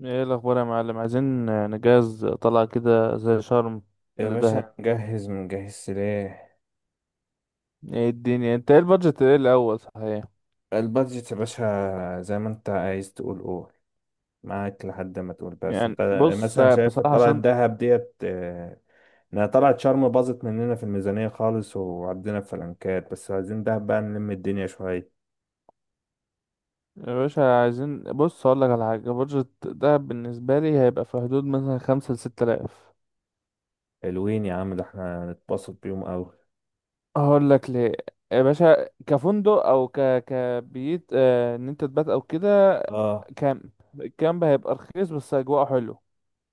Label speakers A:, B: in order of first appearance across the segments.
A: ايه الاخبار يا معلم؟ عايزين نجهز طلعة كده زي شرم
B: يا
A: لدهب.
B: باشا نجهز منجهز سلاح.
A: ايه الدنيا؟ انت ايه البادجت ايه الاول صحيح؟
B: البادجت يا باشا زي ما انت عايز تقول قول، معاك لحد ما تقول. بس
A: يعني
B: انت
A: بص
B: مثلا شايف
A: بصراحة
B: طلعة
A: عشان،
B: الدهب ديت، انها طلعت شرم باظت مننا في الميزانية خالص وعدينا في فلنكات، بس عايزين دهب بقى نلم الدنيا شوية.
A: يا باشا عايزين، بص اقول لك على حاجة، بادجت دهب بالنسبة لي هيبقى في حدود مثلا 5 ل 6 آلاف.
B: حلوين يا عم، ده احنا هنتبسط بيهم اوي.
A: هقول لك ليه. يا باشا كفندق او كبيت، ان انت تبات او كده.
B: اه.
A: كامب. الكامب هيبقى رخيص بس اجواء حلو.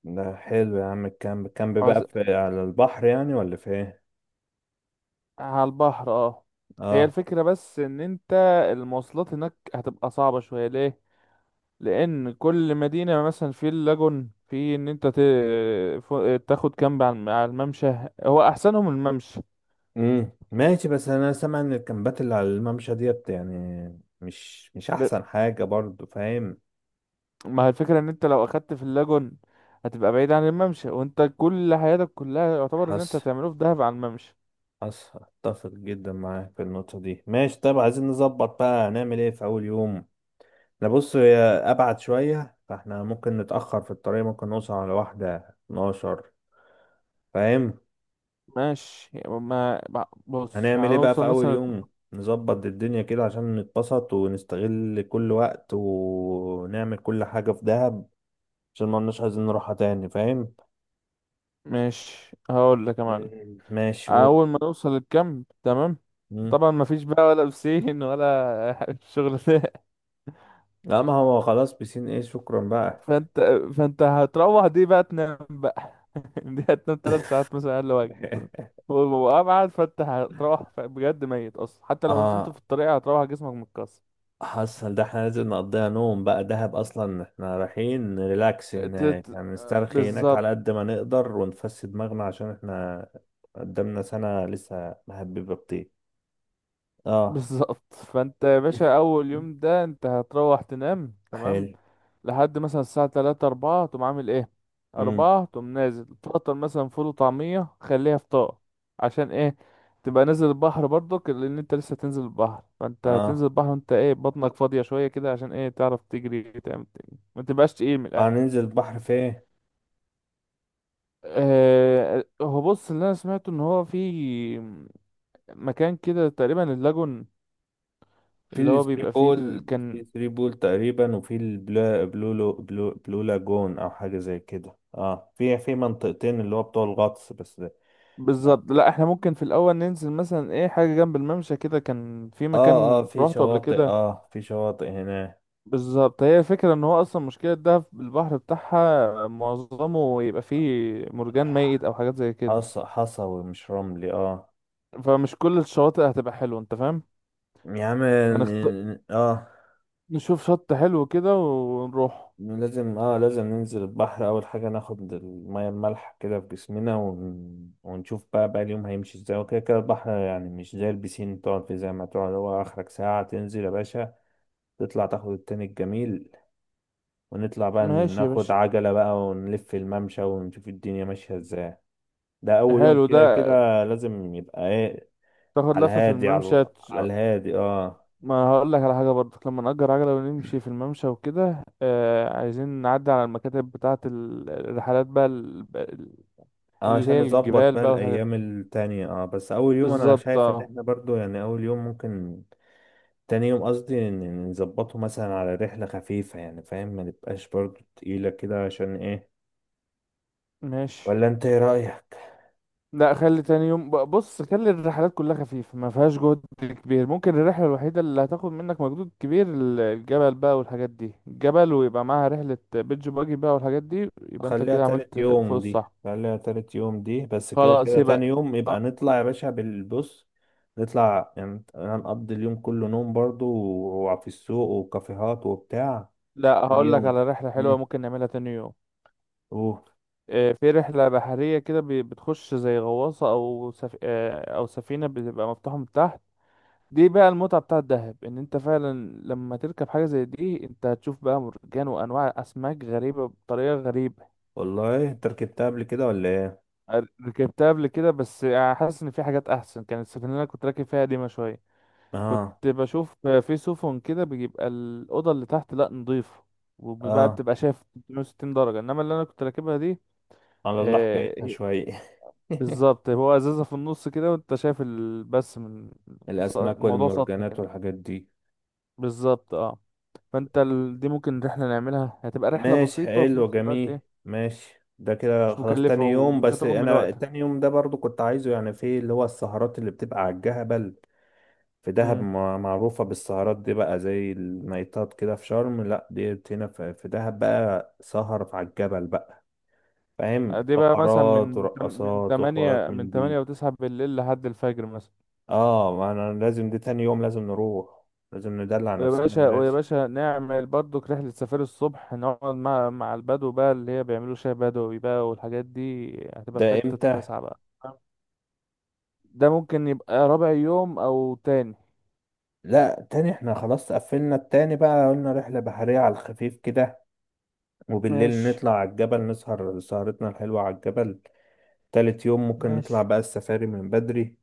B: ده حلو يا عم. الكامب الكامب بقى في على البحر يعني ولا في ايه؟
A: على البحر، اه. هي
B: اه.
A: الفكرة بس ان انت المواصلات هناك هتبقى صعبة شوية. ليه؟ لان كل مدينة مثلا في اللاجون، في ان انت تاخد كامب على على الممشى. هو احسنهم الممشى.
B: ماشي، بس انا سامع ان الكامبات اللي على الممشى ديت يعني مش
A: ل-
B: احسن حاجة برضو، فاهم.
A: ما هي الفكرة ان انت لو اخدت في اللاجون هتبقى بعيد عن الممشى، وانت كل حياتك كلها يعتبر ان انت
B: حصل،
A: هتعمله في دهب على الممشى.
B: حصل، اتفق جدا معاك في النقطة دي. ماشي طيب، عايزين نظبط بقى، هنعمل ايه في اول يوم؟ انا بص، هي ابعد شوية، فاحنا ممكن نتأخر في الطريق، ممكن نوصل على واحدة 12، فاهم.
A: ماشي، بص،
B: هنعمل ايه بقى في
A: هنوصل
B: اول
A: مثلا.
B: يوم؟ نظبط الدنيا كده عشان نتبسط ونستغل كل وقت ونعمل كل حاجة في دهب، عشان ما لناش عايزين نروحها تاني، فاهم.
A: ماشي، هقول لك يا معلم.
B: مم. ماشي، قول.
A: اول ما نوصل الكامب تمام،
B: مم.
A: طبعا ما فيش بقى ولا بسين ولا الشغل ده.
B: لا، ما هو خلاص، بسين ايه، شكرا بقى.
A: فانت فانت هتروح دي بقى تنام بقى. دي هتنام 3 ساعات مثلا اقل واجب. وابعد فانت هتروح، بجد ميت اصلا، حتى لو نمت
B: اه،
A: في الطريق هتروح جسمك متكسر.
B: حصل، ده احنا لازم نقضيها نوم بقى. دهب اصلا احنا رايحين ريلاكس
A: ت-
B: هناك
A: ت-
B: يعني، نسترخي هناك على
A: بالظبط.
B: قد ما نقدر ونفسد دماغنا، عشان احنا قدامنا سنة لسه مهببة بطيء. اه.
A: بالظبط، فانت يا باشا اول يوم ده انت هتروح تنام تمام
B: حلو.
A: لحد مثلا الساعة تلاتة أربعة، تقوم عامل ايه؟
B: مم.
A: أربعة تقوم نازل تفطر مثلا فول وطعمية، خليها فطار. عشان ايه؟ تبقى نازل البحر برضك، لأن انت لسه تنزل البحر، فانت هتنزل
B: اه،
A: البحر وانت ايه بطنك فاضية شوية كده، عشان ايه؟ تعرف تجري تعمل تاني، ما تبقاش تقيل من الآخر.
B: هننزل البحر فين؟
A: هو بص، اللي انا سمعته ان هو في مكان كده تقريبا اللاجون،
B: في
A: اللي هو
B: الثري
A: بيبقى فيه
B: بول، في
A: كان
B: الثري بول تقريبا، وفي البلا بلو لو بلو, بلو لاجون او حاجه زي كده، اه، في منطقتين اللي هو بتوع الغطس بس ده.
A: بالظبط. لا احنا ممكن في الاول ننزل مثلا ايه حاجه جنب الممشى كده، كان في
B: اه، اه،
A: مكان
B: في
A: روحته قبل
B: شواطئ،
A: كده
B: اه في شواطئ هنا.
A: بالظبط. هي الفكرة ان هو اصلا مشكلة ده البحر بتاعها معظمه يبقى فيه مرجان ميت او حاجات زي كده،
B: حصى، حصوي مش رملي، اه.
A: فمش كل الشواطئ هتبقى حلوة، انت فاهم.
B: يا عم،
A: فنخت...
B: اه
A: نشوف شط حلو كده ونروح.
B: لازم، اه لازم ننزل البحر اول حاجه، ناخد الميه المالحه كده في جسمنا، ونشوف بقى بقى اليوم هيمشي ازاي. وكده كده البحر يعني مش زي البسين تقعد فيه زي ما تقعد، هو اخرك ساعه تنزل يا باشا، تطلع تاخد التاني الجميل. ونطلع بقى
A: ماشي يا
B: ناخد
A: باشا.
B: عجلة بقى ونلف الممشى ونشوف الدنيا ماشية ازاي. ده أول يوم،
A: حلو ده.
B: كده كده لازم يبقى ايه.
A: تاخد لفة في الممشى
B: على الهادي، اه.
A: ما هقول لك على حاجة برضك، لما نأجر عجلة ونمشي في الممشى وكده، عايزين نعدي على المكاتب بتاعة الرحلات بقى،
B: اه
A: اللي
B: عشان
A: هي
B: نظبط
A: الجبال
B: بقى
A: بقى والحاجات دي.
B: الأيام التانية، اه. بس أول يوم أنا
A: بالظبط،
B: شايف إن
A: اه.
B: احنا برضو يعني أول يوم ممكن. تاني يوم قصدي إن نظبطه مثلا على رحلة خفيفة يعني، فاهم، ما نبقاش برضو تقيلة كده، عشان ايه.
A: ماشي.
B: ولا انت ايه رأيك؟
A: لا، خلي تاني يوم بص، خلي الرحلات كلها خفيفة ما فيهاش جهد كبير. ممكن الرحلة الوحيدة اللي هتاخد منك مجهود كبير الجبل بقى والحاجات دي، الجبل ويبقى معاها رحلة بيتش باجي بقى والحاجات دي، يبقى انت
B: خليها
A: كده عملت
B: تالت
A: فوق
B: يوم دي،
A: الصح.
B: خليها تالت يوم دي. بس كده
A: خلاص
B: كده تاني
A: يبقى.
B: يوم يبقى
A: أه،
B: نطلع يا باشا بالبص. نطلع يعني هنقضي اليوم كله نوم برضو، وفي السوق وكافيهات وبتاع.
A: لا،
B: تاني
A: هقول لك
B: يوم.
A: على رحلة حلوة
B: مم.
A: ممكن نعملها تاني يوم.
B: اوه.
A: في رحلة بحرية كده، بتخش زي غواصة أو سف... آه، أو سفينة بتبقى مفتوحة من تحت. دي بقى المتعة بتاعة الدهب، ان انت فعلا لما تركب حاجة زي دي انت هتشوف بقى مرجان وانواع اسماك غريبة بطريقة غريبة.
B: والله انت ركبتها قبل كده ولا ايه؟
A: ركبتها قبل كده، بس حاسس ان في حاجات احسن. كانت السفينة اللي انا كنت راكب فيها قديمة شوية. كنت
B: اه،
A: بشوف في سفن كده بيبقى الأوضة اللي تحت لا نضيفة، وبقى
B: اه.
A: بتبقى شايف 360 درجة، انما اللي انا كنت راكبها دي
B: على الله
A: آه،
B: حكايتها
A: هي-
B: شوية.
A: بالظبط، هو ازازة في النص كده وانت شايف بس من
B: الاسماك
A: الموضوع سطحي
B: والمرجانات
A: كده.
B: والحاجات دي.
A: بالظبط، اه. فانت دي ممكن رحلة نعملها، هتبقى رحلة
B: ماشي،
A: بسيطة وفي
B: حلو،
A: نفس الوقت
B: جميل،
A: ايه،
B: ماشي. ده كده
A: مش
B: خلاص
A: مكلفة
B: تاني يوم،
A: ومش
B: بس
A: هتاخد من
B: انا
A: وقتك.
B: تاني يوم ده برضو كنت عايزه يعني في اللي هو السهرات اللي بتبقى على الجبل. في دهب
A: امم.
B: معروفة بالسهرات دي بقى، زي النايتات كده في شرم، لا دي هنا في دهب بقى، سهر على الجبل بقى، فاهم،
A: دي بقى مثلا
B: فقرات
A: من
B: ورقصات وحوارات
A: من
B: من دي.
A: 8 و9 بالليل لحد الفجر مثلا.
B: اه، ما انا لازم دي تاني يوم لازم نروح، لازم ندلع نفسنا يا
A: ويا
B: باشا.
A: باشا نعمل برضك رحلة سفاري الصبح، نقعد مع البدو بقى، اللي هي بيعملوا شاي بدوي بقى والحاجات دي. هتبقى في
B: ده
A: حتة
B: امتى؟
A: 9 بقى. ده ممكن يبقى رابع يوم أو تاني.
B: لا تاني احنا خلاص قفلنا، التاني بقى قلنا رحلة بحرية على الخفيف كده، وبالليل
A: ماشي
B: نطلع على الجبل نسهر سهرتنا الحلوة على الجبل. تالت يوم ممكن نطلع
A: ماشي.
B: بقى السفاري من بدري،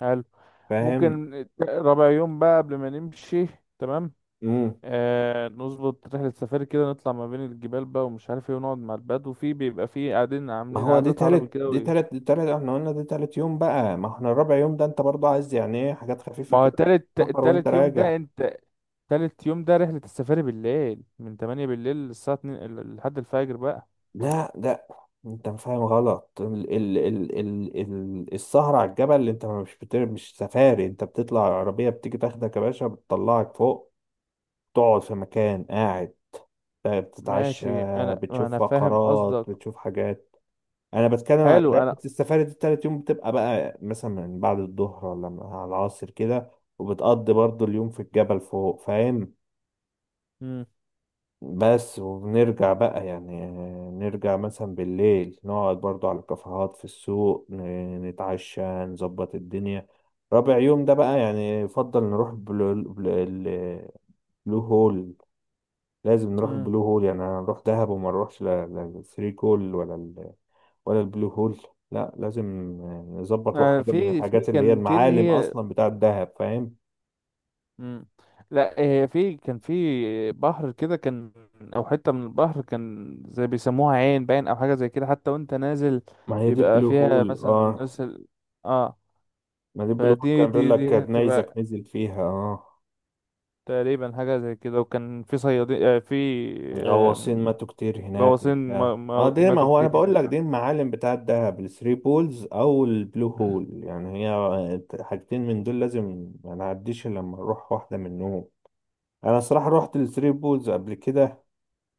A: حلو.
B: فاهم.
A: ممكن رابع يوم بقى قبل ما نمشي. تمام.
B: مم.
A: آه، نظبط رحلة سفاري كده، نطلع ما بين الجبال بقى ومش عارف ايه، ونقعد مع البدو، وفي بيبقى في قاعدين
B: ما
A: عاملين
B: هو دي
A: قعدات عربي
B: تالت،
A: كده
B: دي
A: وايه.
B: تالت، دي تالت، احنا قلنا دي تالت يوم بقى. ما احنا الرابع يوم ده انت برضه عايز يعني ايه حاجات خفيفة
A: ما هو
B: كده عشان تسافر وانت
A: تالت يوم
B: راجع.
A: ده انت، تالت يوم ده رحلة السفاري بالليل من 8 بالليل للساعة 2 لحد الفجر بقى.
B: لا، لا، انت فاهم غلط. ال ال ال ال ال السهرة على الجبل اللي انت مش سفاري، انت بتطلع العربية بتيجي تاخدك يا باشا بتطلعك فوق، تقعد في مكان قاعد، بتتعشى،
A: ماشي، انا
B: بتشوف
A: انا فاهم
B: فقرات،
A: قصدك.
B: بتشوف حاجات. انا بتكلم على
A: حلو
B: رحلة
A: انا.
B: السفاري دي، التالت يوم بتبقى بقى مثلا من بعد الظهر ولا من على العصر كده، وبتقضي برضو اليوم في الجبل فوق، فاهم.
A: مم.
B: بس وبنرجع بقى يعني، نرجع مثلا بالليل نقعد برضو على الكافيهات في السوق، نتعشى، نظبط الدنيا. رابع يوم ده بقى يعني يفضل نروح بلو هول. لازم نروح
A: مم.
B: البلو هول يعني. انا نروح دهب وما نروحش لا لا الثري كول ولا ولا البلو هول؟ لا، لازم نظبط
A: آه،
B: حاجة من
A: في
B: الحاجات اللي هي
A: كان في اللي
B: المعالم
A: هي
B: اصلا بتاعة دهب، فاهم.
A: مم. لا. آه، في كان في بحر كده كان، او حته من البحر كان زي بيسموها عين باين او حاجه زي كده. حتى وانت نازل
B: ما هي دي
A: بيبقى
B: البلو
A: فيها
B: هول،
A: مثلا
B: اه.
A: نزل. اه.
B: ما دي البلو هول
A: فدي
B: كان بيقول
A: دي
B: لك
A: دي
B: كانت نيزك
A: هتبقى
B: نزل فيها، اه،
A: تقريبا حاجه زي كده، وكان في صيادين، آه في
B: غواصين
A: آم،
B: ماتوا كتير هناك
A: غواصين
B: وبتاع، اه. دي ما
A: ماتوا
B: هو انا
A: كتير
B: بقول
A: هناك.
B: لك دي المعالم بتاعة دهب، الثري بولز او البلو هول يعني، هي حاجتين من دول لازم ما نعديش إلا لما نروح واحدة منهم. انا صراحة رحت الثري بولز قبل كده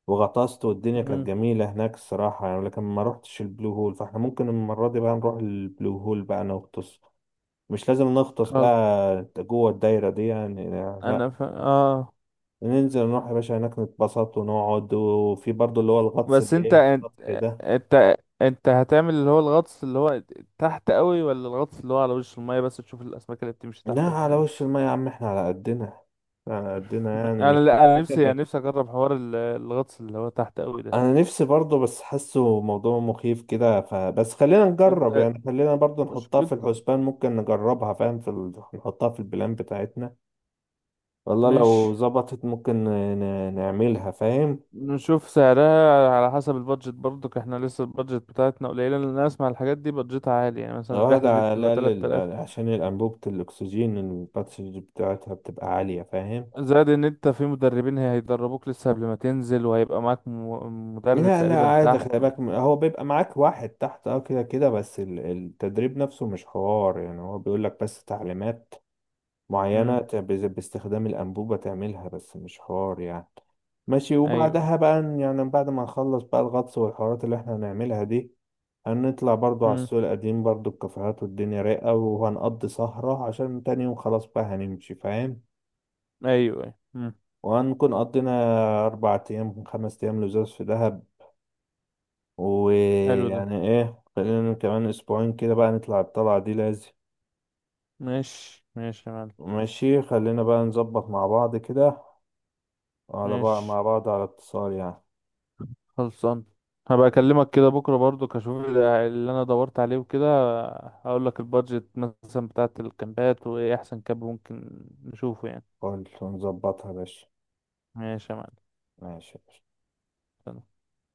B: وغطست والدنيا كانت
A: مم.
B: جميلة هناك الصراحة يعني، لكن ما روحتش البلو هول، فاحنا ممكن المرة دي بقى نروح البلو هول بقى نغطس. مش لازم نغطس
A: خلاص.
B: بقى جوه الدايرة دي يعني، لا،
A: انا ف... اه
B: ننزل نروح يا باشا هناك نتبسط ونقعد، وفي برضو اللي هو الغطس
A: بس
B: اللي
A: انت،
B: ايه السطحي ده.
A: انت هتعمل اللي هو الغطس اللي هو تحت قوي، ولا الغطس اللي هو على وش المية بس تشوف الاسماك اللي بتمشي
B: لا
A: تحتك
B: على
A: وكده.
B: وش المية يا عم، احنا على قدنا، على قدنا يعني
A: انا،
B: مش
A: لا انا نفسي، يعني نفسي اجرب حوار الغطس اللي هو تحت قوي ده.
B: انا نفسي برضو، بس حاسه موضوع مخيف كده، فبس خلينا نجرب
A: انت
B: يعني، خلينا برضو نحطها في
A: مشكلته.
B: الحسبان، ممكن نجربها، فاهم، نحطها في البلان بتاعتنا. والله
A: ماشي،
B: لو ظبطت ممكن نعملها، فاهم.
A: نشوف سعرها على حسب البادجت برضك. احنا لسه البادجت بتاعتنا قليلة، لان انا اسمع الحاجات دي بادجتها عالي، يعني مثلا
B: واحد
A: الرحلة دي
B: على
A: بتبقى
B: الأقل،
A: 3000.
B: ال- عشان الأنبوبة الأكسجين الباتشنج بتاعتها بتبقى عالية، فاهم.
A: زائد ان انت في مدربين هيدربوك لسه قبل ما تنزل، وهيبقى معاك مدرب
B: لا لا
A: تقريبا
B: عادي
A: تحت.
B: خلي بالك، هو بيبقى معاك واحد تحت اه كده كده، بس ال- التدريب نفسه مش حوار يعني، هو بيقولك بس تعليمات معينة
A: امم.
B: باستخدام الأنبوبة تعملها، بس مش حوار يعني. ماشي.
A: ايوه. أيوه.
B: وبعدها بقى يعني بعد ما نخلص بقى الغطس والحوارات اللي احنا هنعملها دي، هنطلع برضو على
A: مم.
B: السوق القديم، برضو الكافيهات والدنيا رايقة، وهنقضي سهرة عشان تاني يوم خلاص بقى هنمشي، فاهم.
A: ايوه، ايوه، مم.
B: وهنكون قضينا 4 أيام، 5 أيام لزاز في دهب.
A: حلو ده.
B: ويعني إيه، خلينا كمان أسبوعين كده بقى نطلع الطلعة دي لازم.
A: ماشي ماشي يا معلم.
B: ماشي، خلينا بقى نظبط مع بعض كده، على بقى
A: ماشي،
B: مع بعض على اتصال يعني.
A: خلصان. هبقى اكلمك كده بكره برضو كشوف اللي انا دورت عليه وكده. هقول لك البادجت مثلا بتاعت الكامبات، وايه احسن كامب ممكن نشوفه يعني.
B: قول ونظبطها يا باشا.
A: ماشي يا معلم.
B: ماشي.
A: سلام.